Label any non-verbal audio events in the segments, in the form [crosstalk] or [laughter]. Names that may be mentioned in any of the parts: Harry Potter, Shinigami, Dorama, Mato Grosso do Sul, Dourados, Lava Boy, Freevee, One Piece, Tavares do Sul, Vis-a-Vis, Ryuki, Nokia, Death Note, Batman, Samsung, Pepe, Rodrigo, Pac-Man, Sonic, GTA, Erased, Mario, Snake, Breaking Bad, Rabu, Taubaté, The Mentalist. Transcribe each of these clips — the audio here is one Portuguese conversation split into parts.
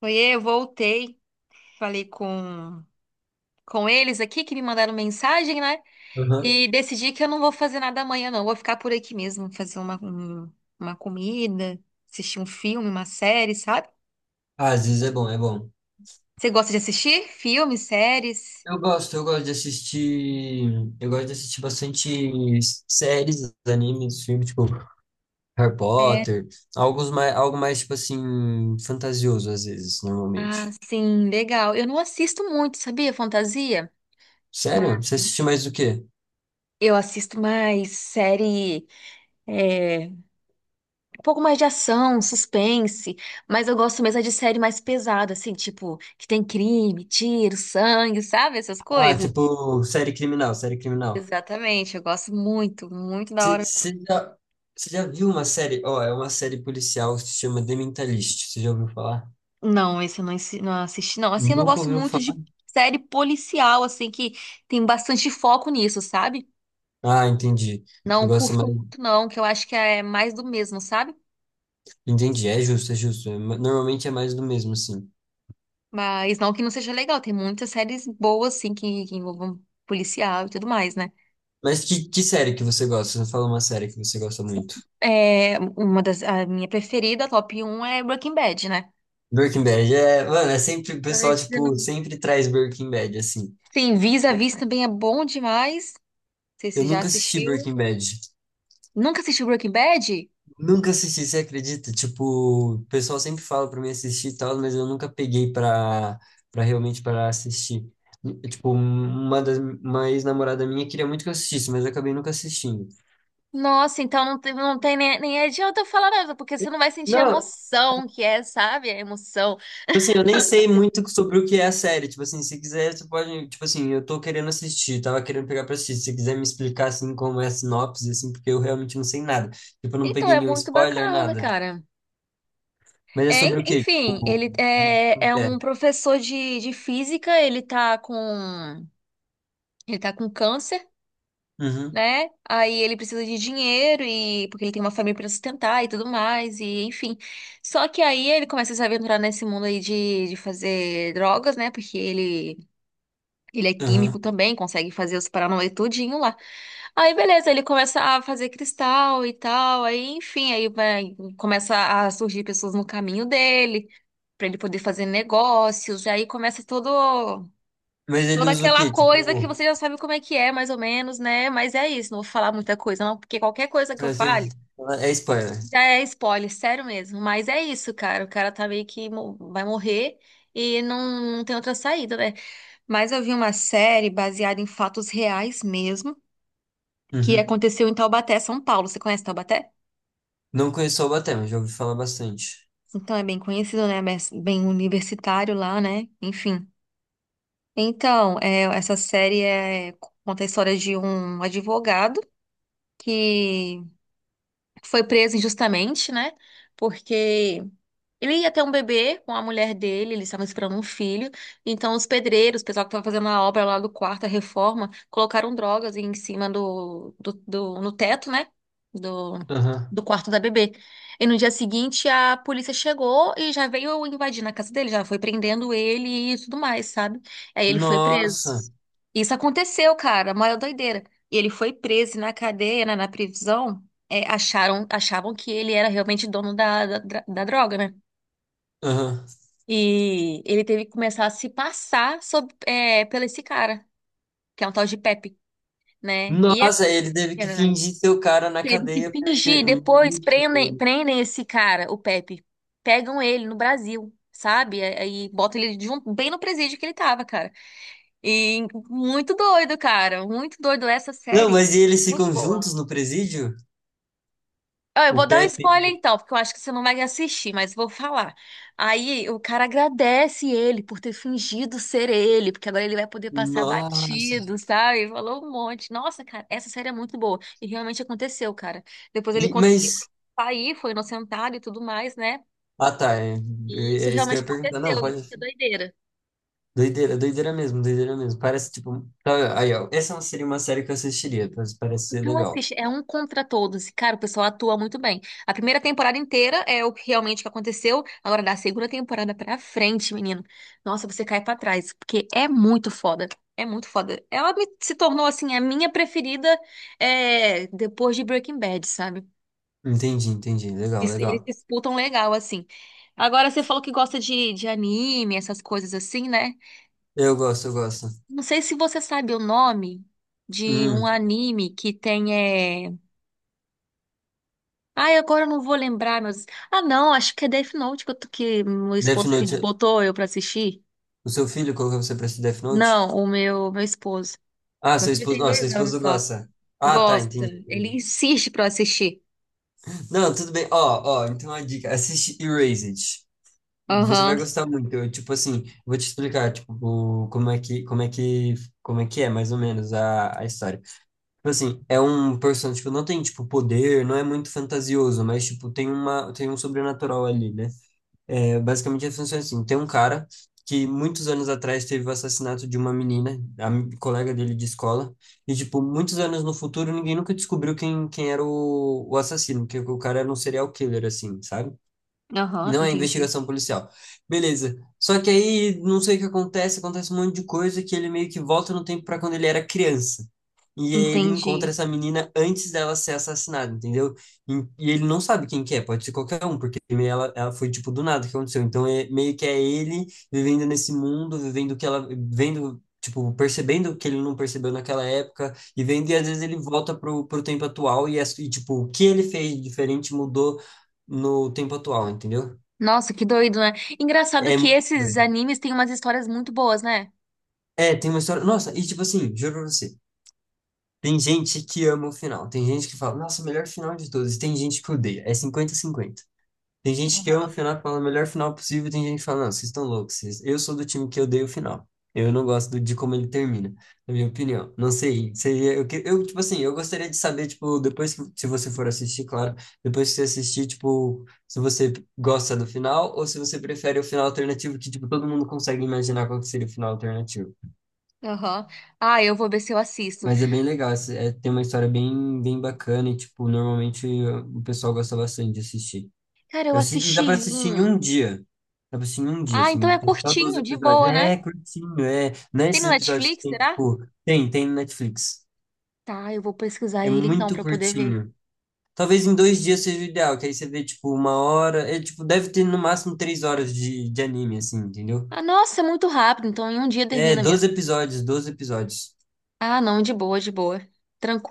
Oiê, eu voltei, falei com eles aqui que me mandaram mensagem, né? Aham. E decidi que eu não vou fazer nada amanhã, não. Vou ficar por aqui mesmo, fazer uma comida, assistir um filme, uma série, sabe? Ah, às vezes é bom, é bom. Você gosta de assistir filmes, séries? Eu gosto de assistir. Eu gosto de assistir bastante séries, animes, filmes, tipo Harry É. Potter, alguns mais, algo mais, tipo assim, fantasioso, às vezes, Ah, normalmente. sim, legal. Eu não assisto muito, sabia? Fantasia, Sério? mas Você assiste mais do quê? eu assisto mais série. É, um pouco mais de ação, suspense, mas eu gosto mesmo é de série mais pesada, assim, tipo, que tem crime, tiro, sangue, sabe? Essas Ah, coisas. tipo, série criminal, série criminal. Exatamente, eu gosto muito, muito da Você hora. você já, você já viu uma série? Ó, é uma série policial que se chama The Mentalist. Você já ouviu falar? Não, esse eu não, não assisti, não. Assim, eu não Nunca gosto ouviu muito falar? de série policial, assim, que tem bastante foco nisso, sabe? Ah, entendi. Você Não gosta curto mais. muito, não, que eu acho que é mais do mesmo, sabe? Entendi, é justo, é justo. Normalmente é mais do mesmo, assim. Mas não que não seja legal, tem muitas séries boas, assim, que envolvam policial e tudo mais, né? Mas que série que você gosta? Você fala uma série que você gosta muito. É, uma das, a minha preferida, top um é Breaking Bad, né? Breaking Bad, é, mano, é sempre, o Ai, pessoal, você tipo, não- sempre traz Breaking Bad, assim. Sim, Vis-a-Vis também é bom demais. Não sei se Eu você já nunca assisti assistiu. Breaking Bad. Nunca assistiu Breaking Bad? Nunca assisti, você acredita? Tipo, o pessoal sempre fala pra mim assistir e tal, mas eu nunca peguei pra, realmente para assistir. Tipo, um, uma das, uma ex-namorada minha queria muito que eu assistisse, mas eu acabei nunca assistindo. Nossa, então não tem nem, nem adianta eu falar nada, porque você não vai sentir a Não, emoção que é, sabe? A emoção. tipo assim, eu nem sei muito sobre o que é a série. Tipo assim, se quiser, você pode. Tipo assim, eu tô querendo assistir, tava querendo pegar pra assistir. Se você quiser me explicar, assim, como é a sinopse, assim, porque eu realmente não sei nada. Tipo, eu não Então peguei é nenhum muito spoiler, bacana, nada. cara. Mas é É, sobre o quê? enfim, Tipo, ele é, como é que é? um professor de física, ele tá com câncer, Uhum, né? Aí ele precisa de dinheiro e porque ele tem uma família para sustentar e tudo mais e enfim. Só que aí ele começa a se aventurar nesse mundo aí de fazer drogas, né? Porque ele é uhum. químico também, consegue fazer os paranauê tudinho lá. Aí beleza, ele começa a fazer cristal e tal, aí enfim, aí vai, começa a surgir pessoas no caminho dele. Pra ele poder fazer negócios, e aí começa todo Mas ele Toda usa o aquela quê? coisa que Tipo, você já sabe como é que é, mais ou menos, né? Mas é isso, não vou falar muita coisa, não, porque qualquer coisa que eu pra quê? fale É spoiler. já é spoiler, sério mesmo. Mas é isso, cara. O cara tá meio que vai morrer e não, não tem outra saída, né? Mas eu vi uma série baseada em fatos reais mesmo, que Uhum. aconteceu em Taubaté, São Paulo. Você conhece Taubaté? Não conheço o Batman, já ouvi falar bastante. Então é bem conhecido, né? Mas bem universitário lá, né? Enfim. Então, é, conta a história de um advogado que foi preso injustamente, né? Porque ele ia ter um bebê com a mulher dele, eles estavam esperando um filho. Então, os pedreiros, o pessoal que estava fazendo a obra lá do quarto, a reforma, colocaram drogas em cima no teto, né? Do, Aham. do quarto da bebê. E no dia seguinte, a polícia chegou e já veio invadir na casa dele, já foi prendendo ele e tudo mais, sabe? Aí ele foi Nossa. preso. Isso aconteceu, cara, a maior doideira. E ele foi preso e na cadeia, né, na prisão. É, achavam que ele era realmente dono da droga, né? Aham. E ele teve que começar a se passar pelo esse cara, que é um tal de Pepe, né? E aí, Nossa, ele teve que ela fingir ser o cara na teve que cadeia porque. fingir, depois prendem esse cara, o Pepe. Pegam ele no Brasil, sabe? Aí botam ele junto, bem no presídio que ele tava, cara. E muito doido, cara. Muito doido essa Não, série. mas e eles É muito ficam boa. juntos no presídio? Ah, eu O vou dar um Pepe. spoiler então, porque eu acho que você não vai assistir, mas vou falar. Aí o cara agradece ele por ter fingido ser ele, porque agora ele vai poder passar Nossa. batido, sabe? Falou um monte. Nossa, cara, essa série é muito boa. E realmente aconteceu, cara. Depois ele E, conseguiu mas. sair, foi inocentado e tudo mais, né? Ah, tá. É, E isso é isso que eu realmente ia perguntar. Não, aconteceu, pode. isso que é doideira. Doideira, doideira mesmo, doideira mesmo. Parece tipo. Tá, aí, ó. Essa seria uma série que eu assistiria. Parece, parece ser Então, legal. assiste, é um contra todos. E, cara, o pessoal atua muito bem. A primeira temporada inteira é o que realmente que aconteceu. Agora, da segunda temporada pra frente, menino. Nossa, você cai pra trás. Porque é muito foda. É muito foda. Ela se tornou, assim, a minha preferida é, depois de Breaking Bad, sabe? Entendi, entendi. Legal, Eles legal. disputam legal, assim. Agora, você falou que gosta de anime, essas coisas assim, né? Eu gosto. Não sei se você sabe o nome de um Hum. anime que tem. Ai, agora eu não vou lembrar, meu Deus. Ah, não, acho que é Death Note que, que meu Death esposo Note. botou eu pra assistir. O seu filho colocou você pra assistir Death Note? Não, o meu esposo. Ah, Meu seu filho esposo. tem Não, seu dois esposo anos só. gosta. Ah, tá, Gosta. entendi, Ele entendi. insiste pra eu assistir. Não, tudo bem. Ó, ó, então uma dica. Assiste Erased. Você vai Aham, gostar muito. Eu, tipo assim, vou te explicar, tipo, como é que, é, mais ou menos, a história. Tipo assim, é um personagem, tipo, não tem, tipo, poder, não é muito fantasioso, mas, tipo, tem uma, tem um sobrenatural ali, né? É, basicamente, funciona assim, tem um cara que muitos anos atrás teve o assassinato de uma menina, a colega dele de escola, e, tipo, muitos anos no futuro, ninguém nunca descobriu quem, era o, assassino, porque o cara era um serial killer, assim, sabe? aham, Não é entendi. investigação policial. Beleza. Só que aí, não sei o que acontece, acontece um monte de coisa que ele meio que volta no tempo para quando ele era criança. E aí ele Entendi. encontra essa menina antes dela ser assassinada, entendeu? E ele não sabe quem que é, pode ser qualquer um, porque meio ela, foi tipo do nada que aconteceu. Então é, meio que é ele vivendo nesse mundo, vivendo o que ela, vendo, tipo, percebendo o que ele não percebeu naquela época, e vendo, e às vezes ele volta pro, tempo atual e, e tipo, o que ele fez diferente mudou no tempo atual, entendeu? Nossa, que doido, né? Engraçado É que muito esses doido. animes têm umas histórias muito boas, né? É, tem uma história. Nossa, e tipo assim, juro pra você. Tem gente que ama o final. Tem gente que fala, nossa, melhor final de todos. E tem gente que odeia. É 50 cinquenta. Tem gente que ama o final, que fala, melhor final possível. E tem gente que fala, não, vocês estão loucos. Eu sou do time que odeia o final. Eu não gosto de como ele termina, na minha opinião. Não sei. Seria, eu, eu, tipo assim, eu gostaria de saber, tipo, depois que, se você for assistir, claro. Depois que você assistir, tipo, se você gosta do final ou se você prefere o final alternativo, que, tipo, todo mundo consegue imaginar qual que seria o final alternativo. Aham. Ah, eu vou ver se eu assisto. Mas é bem legal, é, tem uma história bem, bem bacana e, tipo, normalmente o pessoal gosta bastante de assistir. Cara, eu E dá pra assisti assistir em um. um dia. Dá pra assistir em um dia, Ah, então assim, é tem só 12 curtinho, de episódios. boa, né? É, curtinho, é. Não é Tem esses no episódios que Netflix, tem, será? tipo, tem, no Netflix. Tá, eu vou pesquisar É ele então muito pra poder ver. curtinho. Talvez em 2 dias seja o ideal, que aí você vê, tipo, uma hora. É, tipo, deve ter no máximo 3 horas de, anime, assim, entendeu? Ah, nossa, é muito rápido, então em um dia É, termina 12 mesmo. episódios, 12 episódios. Ah, não, de boa, de boa.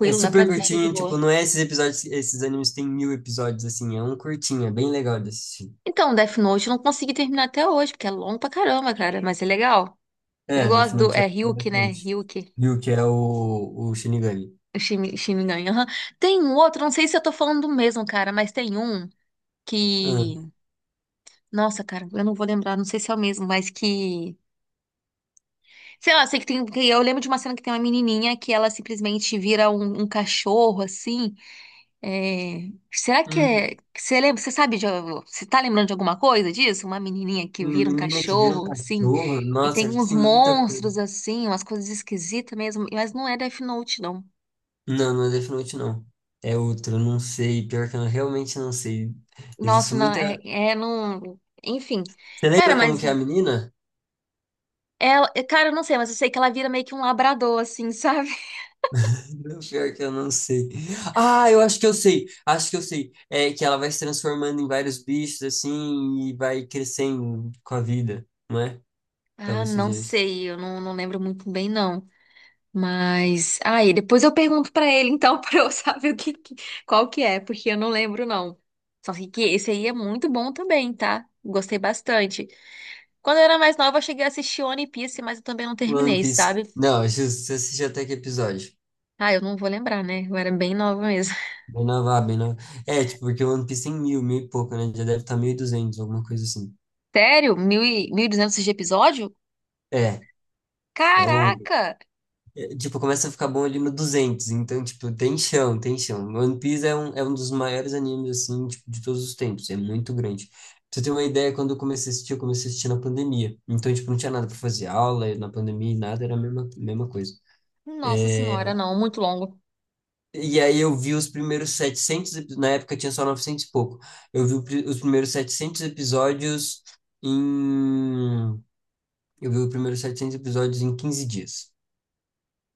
É dá pra super assistir de curtinho, boa. tipo, não é esses episódios, esses animes têm 1.000 episódios, assim, é um curtinho, é bem legal de assistir. Então, Death Note eu não consegui terminar até hoje, porque é longo pra caramba, cara, mas é legal. É, Eu Death gosto do. Note é É Ryuki, né? bastante. Ryuki. Viu que é o, Shinigami. O Shinigami, aham. Tem um outro, não sei se eu tô falando do mesmo, cara, mas tem um Ah, que. Nossa, cara, eu não vou lembrar, não sei se é o mesmo, mas que. Sei lá, sei que tem. Que Eu lembro de uma cena que tem uma menininha que ela simplesmente vira um cachorro, assim. É, será que é. hum, Você lembra, você sabe de. Você tá lembrando de alguma coisa disso? Uma menininha que vira um menina que vira um cachorro, assim, cachorro, e tem nossa, acho que uns tem muita coisa. monstros, assim, umas coisas esquisitas mesmo, mas não é Death Note, não. Não, não é Death Note, não. É outro, eu não sei, pior que eu realmente não sei. Nossa, Existe não, é, muita... é não. Enfim. Você Cara, lembra como mas que é a menina? ela. Cara, eu não sei, mas eu sei que ela vira meio que um labrador, assim, sabe? [laughs] Não, pior que eu não sei. Ah, eu acho que eu sei. Acho que eu sei. É que ela vai se transformando em vários bichos assim e vai crescendo com a vida, não é? Ah, Talvez não seja isso. sei, eu não lembro muito bem, não. Mas, aí, depois eu pergunto pra ele, então, [laughs] pra eu saber qual que é, porque eu não lembro, não. Só sei que esse aí é muito bom também, tá? Gostei bastante. Quando eu era mais nova, eu cheguei a assistir One Piece, mas eu também não One terminei, Piece. sabe? Não, acho que você assiste até que episódio? Ah, eu não vou lembrar, né? Eu era bem nova mesmo. Bem nova, bem nova. É, tipo, porque o One Piece tem 1.000, 1.000 e pouco, né? Já deve estar 1.200, alguma coisa assim. [laughs] Sério? Mil e 1.200 de episódio? É, é longo. Caraca! Tipo, começa a ficar bom ali no 200, então, tipo, tem chão, tem chão. One Piece é um dos maiores animes, assim, tipo, de todos os tempos, é muito grande. Pra você ter uma ideia, quando eu comecei a assistir, eu comecei a assistir na pandemia. Então, tipo, não tinha nada pra fazer, aula, na pandemia, nada, era a mesma, mesma coisa. Nossa senhora, não, muito longo. E aí eu vi os primeiros 700 na época tinha só 900 e pouco. Eu vi os primeiros 700 episódios em... Eu vi os primeiros 700 episódios em 15 dias.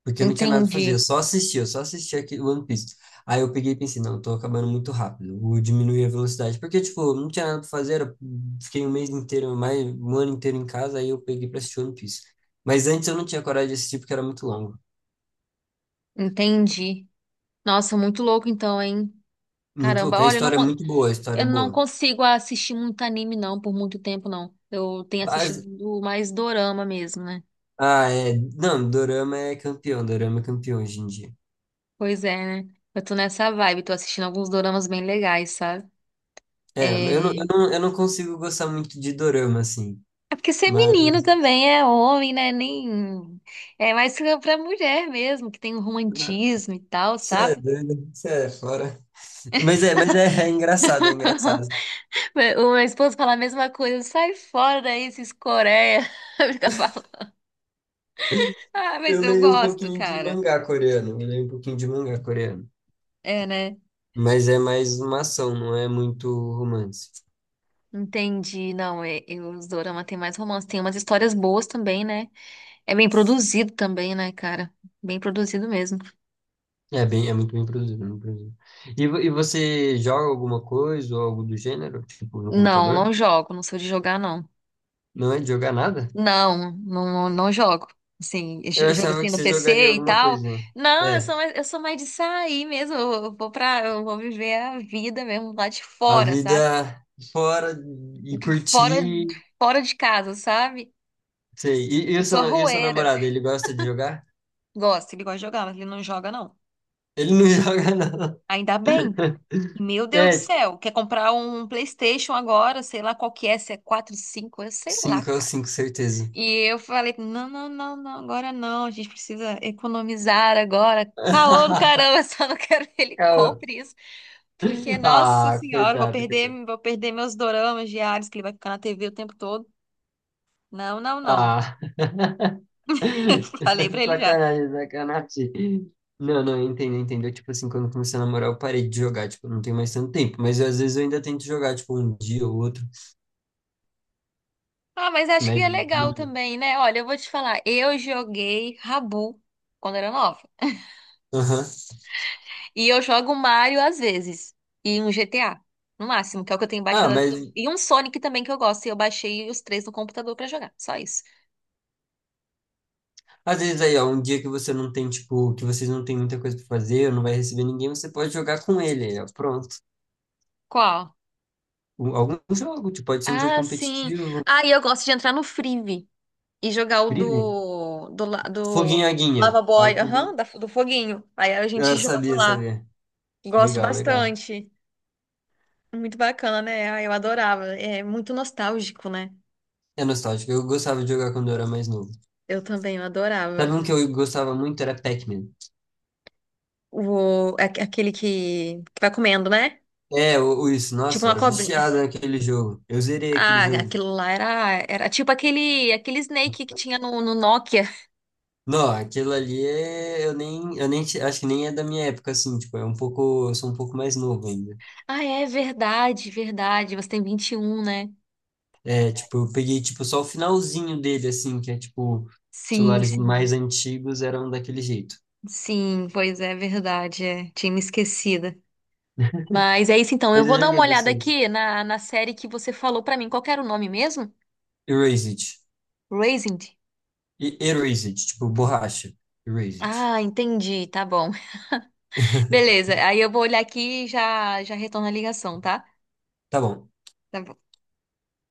Porque eu não tinha nada pra Entendi, fazer, eu só assistia aquele One Piece. Aí eu peguei e pensei, não, eu tô acabando muito rápido, vou diminuir a velocidade. Porque, tipo, eu não tinha nada pra fazer, fiquei um mês inteiro, mais um ano inteiro em casa, aí eu peguei pra assistir One Piece. Mas antes eu não tinha coragem de assistir porque era muito longo. entendi. Nossa, muito louco então, hein? Muito Caramba, louco, a olha, história é muito boa, a história é Eu não boa. consigo assistir muito anime, não, por muito tempo, não. Eu tenho Mas- assistido mais dorama mesmo, né? ah, é, não, Dorama é campeão hoje em dia. Pois é, né? Eu tô nessa vibe, tô assistindo alguns doramas bem legais, sabe? É, eu não, É, eu não, eu não consigo gostar muito de Dorama, assim, é porque ser menino mas... também é homem, né? Nem. É mais pra mulher mesmo, que tem o romantismo e tal, Você é sabe? doido, você é fora. Mas é, mas é, engraçado, é [laughs] engraçado. O meu esposo fala a mesma coisa, sai fora daí, esses Coreia. [laughs] Fica falando. Ah, mas Eu eu leio um gosto, pouquinho de cara. mangá coreano, eu leio um pouquinho de mangá coreano. É, né? Mas é mais uma ação, não é muito romance. Entendi. Não, é, os dorama tem mais romance. Tem umas histórias boas também, né? É bem produzido também, né, cara? Bem produzido mesmo. É muito bem produzido, muito produzido. E, e você joga alguma coisa ou algo do gênero, tipo no Não, não computador? jogo. Não sou de jogar, não. Não é de jogar nada? Não, não, não jogo. Assim, Eu jogo achava assim que no você jogaria PC e alguma tal. coisa, né? Não, eu É, sou mais, eu sou mais de sair mesmo. Eu vou viver a vida mesmo lá de a fora, sabe? vida fora e De Fora, curtir, fora de casa, sabe? sei. E Eu o sou seu, e o seu arrueira. namorado, ele gosta de jogar? Gosta, ele gosta de jogar, mas ele não joga, não. Ele não [laughs] joga, não. Ainda bem. E, [laughs] meu Deus do É, céu, quer comprar um PlayStation agora, sei lá qual que é, se é 4, 5, eu sei lá, cinco é o cara. cinco, certeza. E eu falei, não, não, não, não, agora não, a gente precisa economizar agora. Caô do [laughs] caramba, [laughs] só não quero que ele Cara, compre isso, porque, nossa ah, senhora, vou coitado, perder, coitado. vou perder meus doramas diários, que ele vai ficar na TV o tempo todo. Não, não, não. Ah. [laughs] [laughs] Falei pra ele já. Sacanagem, sacanagem. Não, não, eu entendo, eu entendo. Eu, tipo assim, quando eu comecei a namorar, eu parei de jogar, tipo, não tem mais tanto tempo. Mas eu, às vezes eu ainda tento jogar, tipo, um dia ou outro. Ah, mas acho que Mas. é legal Hum. também, né? Olha, eu vou te falar, eu joguei Rabu quando era nova. Aham. E eu jogo Mario às vezes. E um GTA, no máximo, que é o que eu tenho Ah, baixado. mas E um Sonic também que eu gosto. E eu baixei os três no computador pra jogar. Só isso. às vezes aí, ó, um dia que você não tem, tipo, que vocês não tem muita coisa pra fazer, ou não vai receber ninguém, você pode jogar com ele, aí, ó, pronto. Qual? Algum jogo, tipo, pode ser um jogo Ah, sim. competitivo, Ah, e eu gosto de entrar no Freevee e jogar o free, do Foguinho Aguinha. Lava Ah, Boy, Foguinho. aham, do foguinho. Aí a gente Eu joga sabia, lá. sabia. Gosto Legal, legal. bastante. Muito bacana, né? Ah, eu adorava. É muito nostálgico, né? É nostálgico. Eu gostava de jogar quando eu era mais novo. Eu também, eu Sabe adorava. um que eu gostava muito? Era Pac-Man. O, aquele que vai comendo, né? É, o, isso. Tipo Nossa, eu uma era cobrinha. viciado naquele jogo. Eu zerei aquele Ah, jogo. aquilo lá era tipo aquele Snake que tinha no Nokia. Não, aquilo ali é. Eu nem. Acho que nem é da minha época, assim. Tipo, é um pouco. Eu sou um pouco mais novo ainda. Ah, é verdade, verdade. Você tem 21, né? É, tipo, eu peguei, tipo, só o finalzinho dele, assim, que é, tipo, Sim, celulares sim. mais antigos eram daquele jeito. Sim, pois é, verdade. É. Tinha me esquecida. Mas é isso então. Eu Mas eu vou dar joguei uma olhada bastante. aqui na série que você falou pra mim. Qual que era o nome mesmo? Erased. Raising. E Erased, tipo borracha. Erased. Ah, entendi. Tá bom. [laughs] [laughs] Beleza. Aí eu vou olhar aqui e já, já retorno a ligação, tá? Tá bom. Tá bom.